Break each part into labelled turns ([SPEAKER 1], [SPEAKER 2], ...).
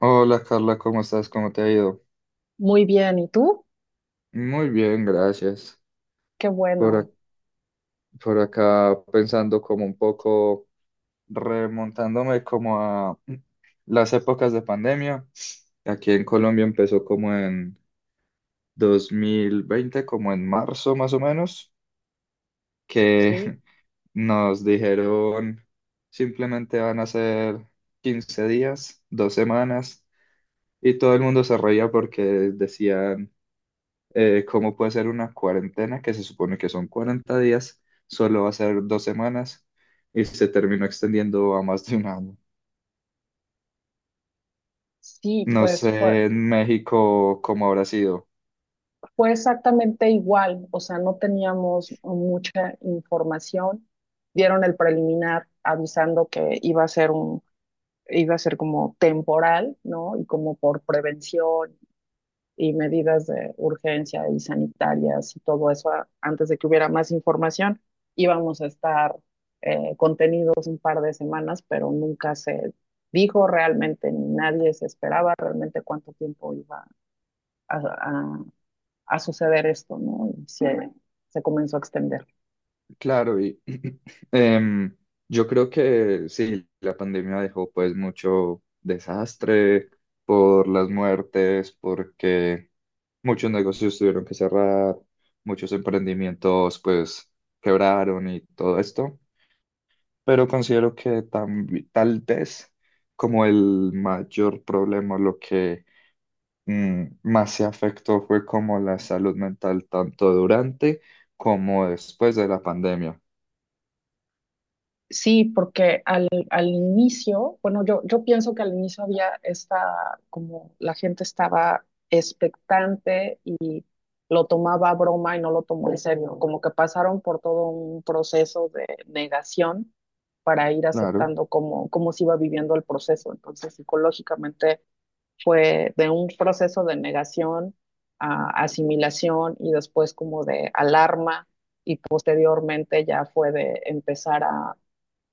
[SPEAKER 1] Hola Carla, ¿cómo estás? ¿Cómo te ha ido?
[SPEAKER 2] Muy bien, ¿y tú?
[SPEAKER 1] Muy bien, gracias.
[SPEAKER 2] Qué
[SPEAKER 1] Por,
[SPEAKER 2] bueno.
[SPEAKER 1] ac- por acá pensando como un poco, remontándome como a las épocas de pandemia. Aquí en Colombia empezó como en 2020, como en marzo más o menos, que
[SPEAKER 2] sí,
[SPEAKER 1] nos dijeron simplemente van a ser 15 días, 2 semanas, y todo el mundo se reía porque decían, cómo puede ser una cuarentena que se supone que son 40 días, solo va a ser 2 semanas y se terminó extendiendo a más de un año.
[SPEAKER 2] sí,
[SPEAKER 1] No
[SPEAKER 2] pues
[SPEAKER 1] sé en México cómo habrá sido.
[SPEAKER 2] fue exactamente igual, o sea, no teníamos mucha información. Dieron el preliminar avisando que iba a ser como temporal, ¿no? Y como por prevención y medidas de urgencia y sanitarias y todo eso antes de que hubiera más información. Íbamos a estar contenidos un par de semanas, pero nunca se dijo realmente, ni nadie se esperaba realmente cuánto tiempo a, a- a suceder esto, ¿no? Y se comenzó a extender.
[SPEAKER 1] Claro, y em, yo creo que sí, la pandemia dejó pues mucho desastre por las muertes, porque muchos negocios tuvieron que cerrar, muchos emprendimientos pues quebraron y todo esto. Pero considero que tal vez como el mayor problema, lo que más se afectó fue como la salud mental, tanto durante como después de la pandemia.
[SPEAKER 2] Sí, porque al inicio, bueno, yo pienso que al inicio había esta, como la gente estaba expectante y lo tomaba a broma y no lo tomó en serio, como que pasaron por todo un proceso de negación para ir
[SPEAKER 1] Claro,
[SPEAKER 2] aceptando cómo se iba viviendo el proceso. Entonces, psicológicamente fue de un proceso de negación a asimilación y después como de alarma y posteriormente ya fue de empezar a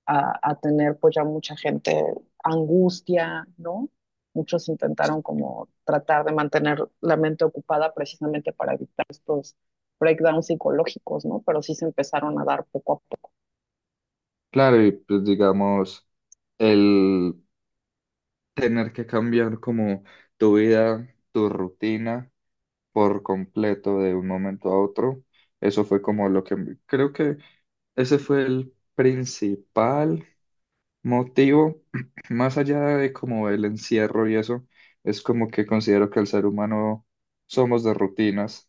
[SPEAKER 2] a, a tener pues ya mucha gente angustia, ¿no? Muchos intentaron como tratar de mantener la mente ocupada precisamente para evitar estos breakdowns psicológicos, ¿no? Pero sí se empezaron a dar poco a poco.
[SPEAKER 1] claro, y pues digamos, el tener que cambiar como tu vida, tu rutina por completo de un momento a otro, eso fue como lo que creo que ese fue el principal motivo, más allá de como el encierro y eso, es como que considero que el ser humano somos de rutinas.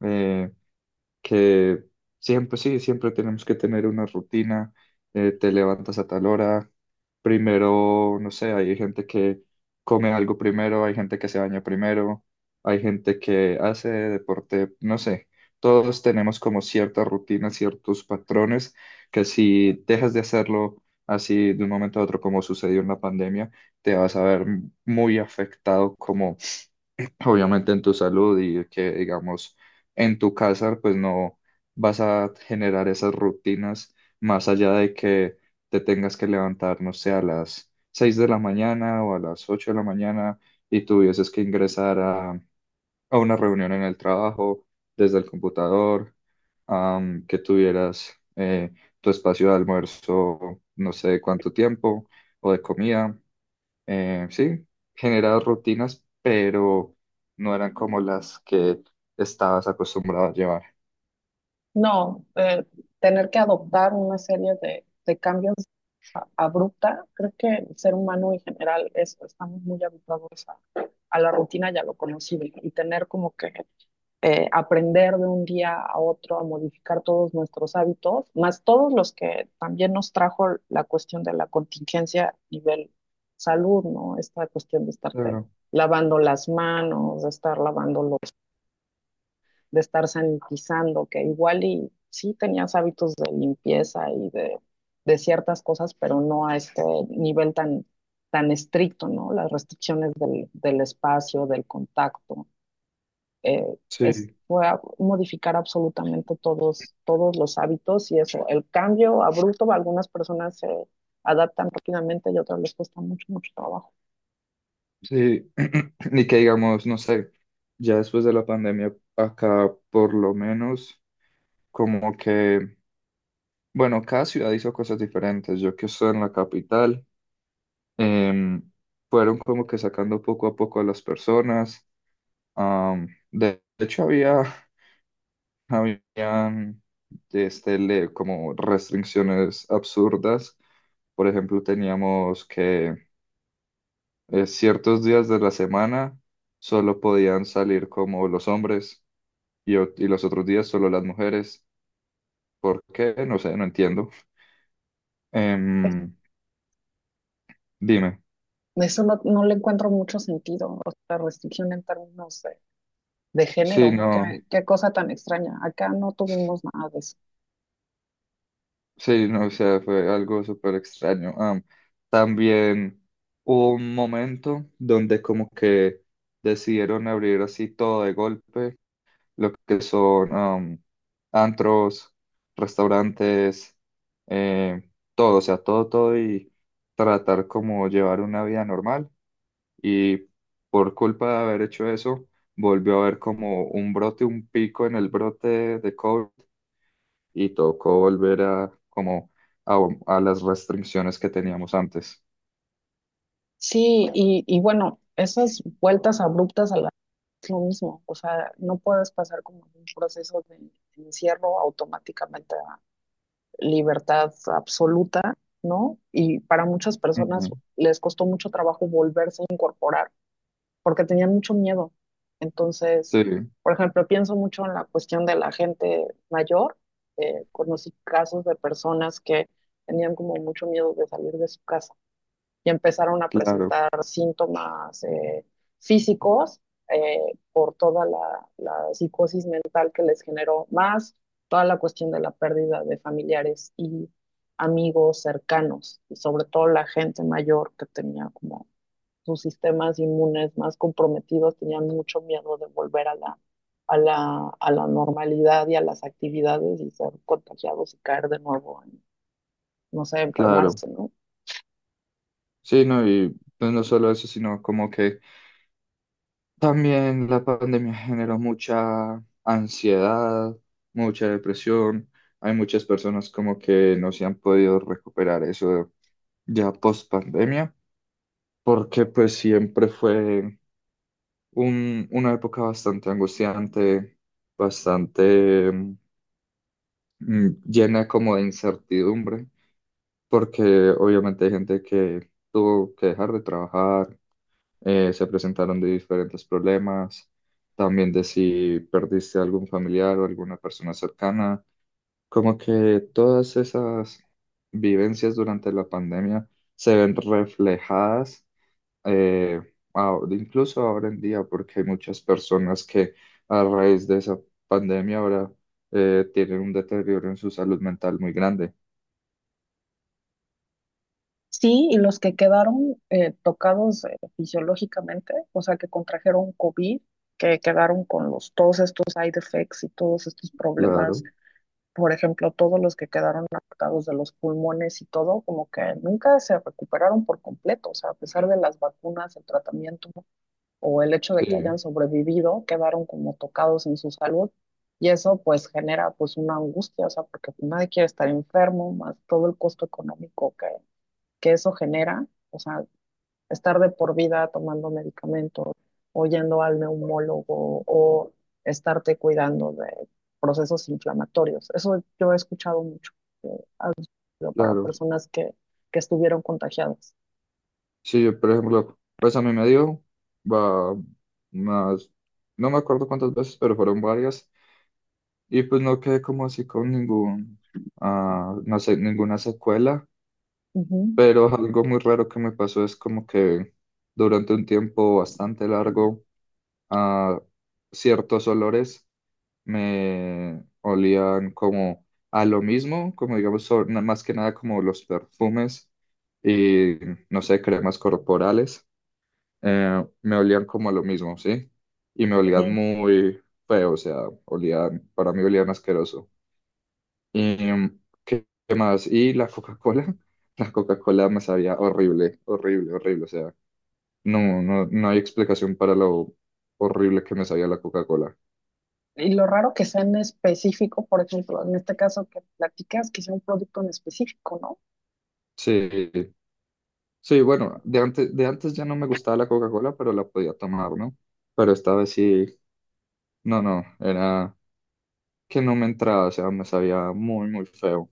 [SPEAKER 1] Eh, que siempre, sí, siempre tenemos que tener una rutina, te levantas a tal hora, primero, no sé, hay gente que come algo primero, hay gente que se baña primero, hay gente que hace deporte, no sé, todos tenemos como ciertas rutinas, ciertos patrones que si dejas de hacerlo así de un momento a otro, como sucedió en la pandemia, te vas a ver muy afectado como obviamente en tu salud y que, digamos, en tu casa, pues no vas a generar esas rutinas más allá de que te tengas que levantar, no sé, a las 6 de la mañana o a las 8 de la mañana y tuvieses que ingresar a una reunión en el trabajo desde el computador, que tuvieras tu espacio de almuerzo, no sé cuánto tiempo, o de comida sí, generaba rutinas, pero no eran como las que estabas acostumbrado a llevar.
[SPEAKER 2] No, tener que adoptar una serie de cambios abrupta, creo que el ser humano en general estamos muy habituados a la rutina y a lo conocido y tener como que aprender de un día a otro a modificar todos nuestros hábitos, más todos los que también nos trajo la cuestión de la contingencia a nivel salud, ¿no? Esta cuestión de estarte
[SPEAKER 1] Claro,
[SPEAKER 2] lavando las manos, de estar lavando de estar sanitizando, que igual y sí tenías hábitos de limpieza y de ciertas cosas, pero no a este nivel tan estricto, ¿no? Las restricciones del espacio, del contacto eh,
[SPEAKER 1] sí,
[SPEAKER 2] fue a modificar absolutamente todos los hábitos y eso, el cambio abrupto, algunas personas se adaptan rápidamente y otras les cuesta mucho, mucho trabajo.
[SPEAKER 1] sí. Ni que digamos, no sé, ya después de la pandemia, acá por lo menos, como que, bueno, cada ciudad hizo cosas diferentes. Yo que estoy en la capital, em, fueron como que sacando poco a poco a las personas. De hecho, Habían este, como restricciones absurdas. Por ejemplo, teníamos que ciertos días de la semana solo podían salir como los hombres y, o- y los otros días solo las mujeres. ¿Por qué? No sé, no entiendo.
[SPEAKER 2] Es-
[SPEAKER 1] Em, Dime.
[SPEAKER 2] Eso no le encuentro mucho sentido, o sea, restricción en términos de
[SPEAKER 1] Sí,
[SPEAKER 2] género,
[SPEAKER 1] no,
[SPEAKER 2] qué cosa tan extraña, acá no tuvimos nada de eso.
[SPEAKER 1] sí, no, o sea, fue algo súper extraño. También hubo un momento donde como que decidieron abrir así todo de golpe lo que son antros, restaurantes, eh, todo, o sea, todo, todo y tratar como llevar una vida normal. Y por culpa de haber hecho eso, volvió a haber como un brote, un pico en el brote de COVID y tocó volver a como a, a las restricciones que teníamos antes.
[SPEAKER 2] Sí, y bueno, esas vueltas abruptas a la es lo mismo, o sea, no puedes pasar como un proceso de encierro automáticamente libertad absoluta, ¿no? Y para muchas personas
[SPEAKER 1] Ujú.
[SPEAKER 2] les costó mucho trabajo volverse a incorporar porque tenían mucho miedo. Entonces,
[SPEAKER 1] Sí,
[SPEAKER 2] por ejemplo, pienso mucho en la cuestión de la gente mayor. Conocí casos de personas que tenían como mucho miedo de salir de su casa ya empezaron a
[SPEAKER 1] claro,
[SPEAKER 2] presentar síntomas físicos eh, por toda la psicosis mental que les generó, más toda la cuestión de la pérdida de familiares y amigos cercanos, y sobre todo la gente mayor que tenía como sus sistemas inmunes más comprometidos, tenían mucho miedo de volver a a la normalidad y a las actividades y ser contagiados y caer de nuevo en, no sé,
[SPEAKER 1] claro.
[SPEAKER 2] enfermarse, ¿no?
[SPEAKER 1] Sí, no, y pues no solo eso, sino como que. También la pandemia generó mucha ansiedad, mucha depresión. Hay muchas personas como que no se han podido recuperar eso ya post pandemia, porque pues siempre fue un- una época bastante angustiante, bastante llena como de incertidumbre, porque obviamente hay gente que tuvo que dejar de trabajar, se presentaron de diferentes problemas, también de si perdiste algún familiar o alguna persona cercana, como que todas esas vivencias durante la pandemia se ven reflejadas, eh, incluso ahora en día, porque hay muchas personas que a raíz de esa pandemia ahora tienen un deterioro en su salud mental muy grande.
[SPEAKER 2] Sí, y los que quedaron tocados fisiológicamente, o sea, que contrajeron COVID, que quedaron con todos estos side effects y todos estos problemas,
[SPEAKER 1] Claro,
[SPEAKER 2] por ejemplo, todos los que quedaron afectados de los pulmones y todo, como que nunca se recuperaron por completo, o sea, a pesar de las vacunas, el tratamiento o el hecho de que
[SPEAKER 1] sí,
[SPEAKER 2] hayan sobrevivido, quedaron como tocados en su salud. Y eso pues genera pues una angustia, o sea, porque nadie quiere estar enfermo, más todo el costo económico que eso genera, o sea, estar de por vida tomando medicamentos o yendo al neumólogo o estarte cuidando de procesos inflamatorios. Eso yo he escuchado mucho que ha sido para
[SPEAKER 1] claro.
[SPEAKER 2] personas que estuvieron contagiadas.
[SPEAKER 1] Sí, yo, por ejemplo, pues a mí me dio, va, más, no me acuerdo cuántas veces, pero fueron varias, y pues no quedé como así con ningún, no sé, ninguna secuela,
[SPEAKER 2] Ujú,
[SPEAKER 1] pero algo muy raro que me pasó es como que durante un tiempo bastante largo, ah, ciertos olores me olían como a lo mismo, como digamos, más que nada como los perfumes y, no sé, cremas corporales me olían como a lo mismo, ¿sí? Y me olían
[SPEAKER 2] ujú.
[SPEAKER 1] muy feo, o sea, olían, para mí olían asqueroso. ¿Y qué más? Y la Coca-Cola, la Coca-Cola me sabía horrible, horrible, horrible, o sea, no, no, no hay explicación para lo horrible que me sabía la Coca-Cola.
[SPEAKER 2] Y lo raro que sea en específico, por ejemplo, en este caso que platicas, que sea un producto en específico, ¿no?
[SPEAKER 1] Sí, sí, bueno, de antes ya no me gustaba la Coca-Cola, pero la podía tomar, ¿no? Pero esta vez sí, no, no, era que no me entraba, o sea, me sabía muy, muy feo.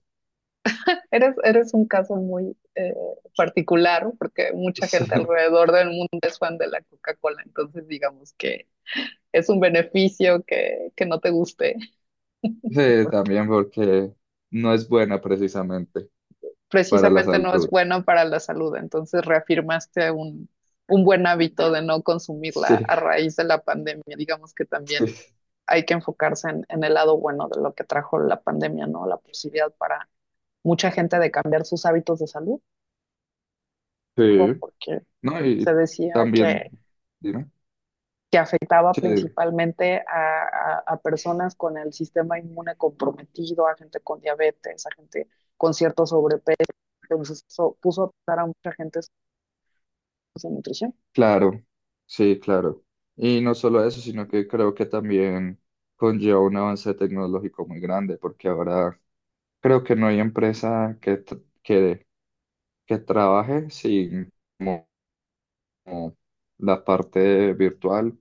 [SPEAKER 2] Eres un caso muy particular porque mucha gente
[SPEAKER 1] Sí.
[SPEAKER 2] alrededor del mundo es fan de la Coca-Cola, entonces digamos que es un beneficio que no te guste,
[SPEAKER 1] Sí,
[SPEAKER 2] porque
[SPEAKER 1] también porque no es buena precisamente para la
[SPEAKER 2] precisamente no es
[SPEAKER 1] salud.
[SPEAKER 2] bueno para la salud, entonces reafirmaste un buen hábito de no consumirla a
[SPEAKER 1] Sí,
[SPEAKER 2] raíz de la pandemia, digamos que también
[SPEAKER 1] sí,
[SPEAKER 2] hay que enfocarse en el lado bueno de lo que trajo la pandemia, ¿no? La posibilidad para mucha gente de cambiar sus hábitos de salud,
[SPEAKER 1] sí.
[SPEAKER 2] ¿no? Porque
[SPEAKER 1] No,
[SPEAKER 2] se
[SPEAKER 1] y
[SPEAKER 2] decía
[SPEAKER 1] también,
[SPEAKER 2] que
[SPEAKER 1] dime.
[SPEAKER 2] afectaba
[SPEAKER 1] Sí,
[SPEAKER 2] principalmente a personas con el sistema inmune comprometido, a gente con diabetes, a gente con cierto sobrepeso. Entonces eso puso a pasar a mucha gente sin nutrición.
[SPEAKER 1] claro, sí, claro. Y no solo eso, sino que creo que también conlleva un avance tecnológico muy grande, porque ahora creo que no hay empresa que, que, trabaje sin como la parte virtual,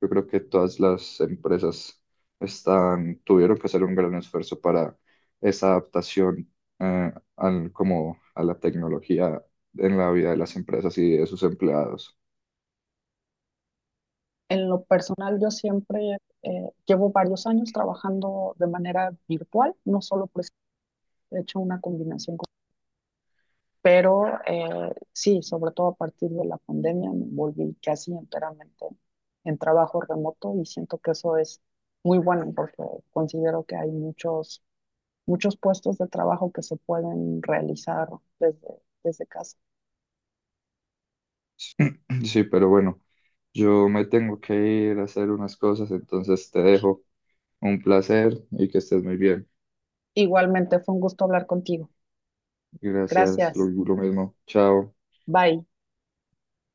[SPEAKER 1] yo creo que todas las empresas tuvieron que hacer un gran esfuerzo para esa adaptación como a la tecnología en la vida de las empresas y de sus empleados.
[SPEAKER 2] En lo personal, yo siempre llevo varios años trabajando de manera virtual, no solo por he hecho una combinación. Pero sí, sobre todo a partir de la pandemia me volví casi enteramente en trabajo remoto y siento que eso es muy bueno porque considero que hay muchos, muchos puestos de trabajo que se pueden realizar desde casa.
[SPEAKER 1] Sí, pero bueno, yo me tengo que ir a hacer unas cosas, entonces te dejo. Un placer y que estés muy bien.
[SPEAKER 2] Igualmente fue un gusto hablar contigo.
[SPEAKER 1] Gracias, lo
[SPEAKER 2] Gracias.
[SPEAKER 1] lo mismo. Chao.
[SPEAKER 2] Bye.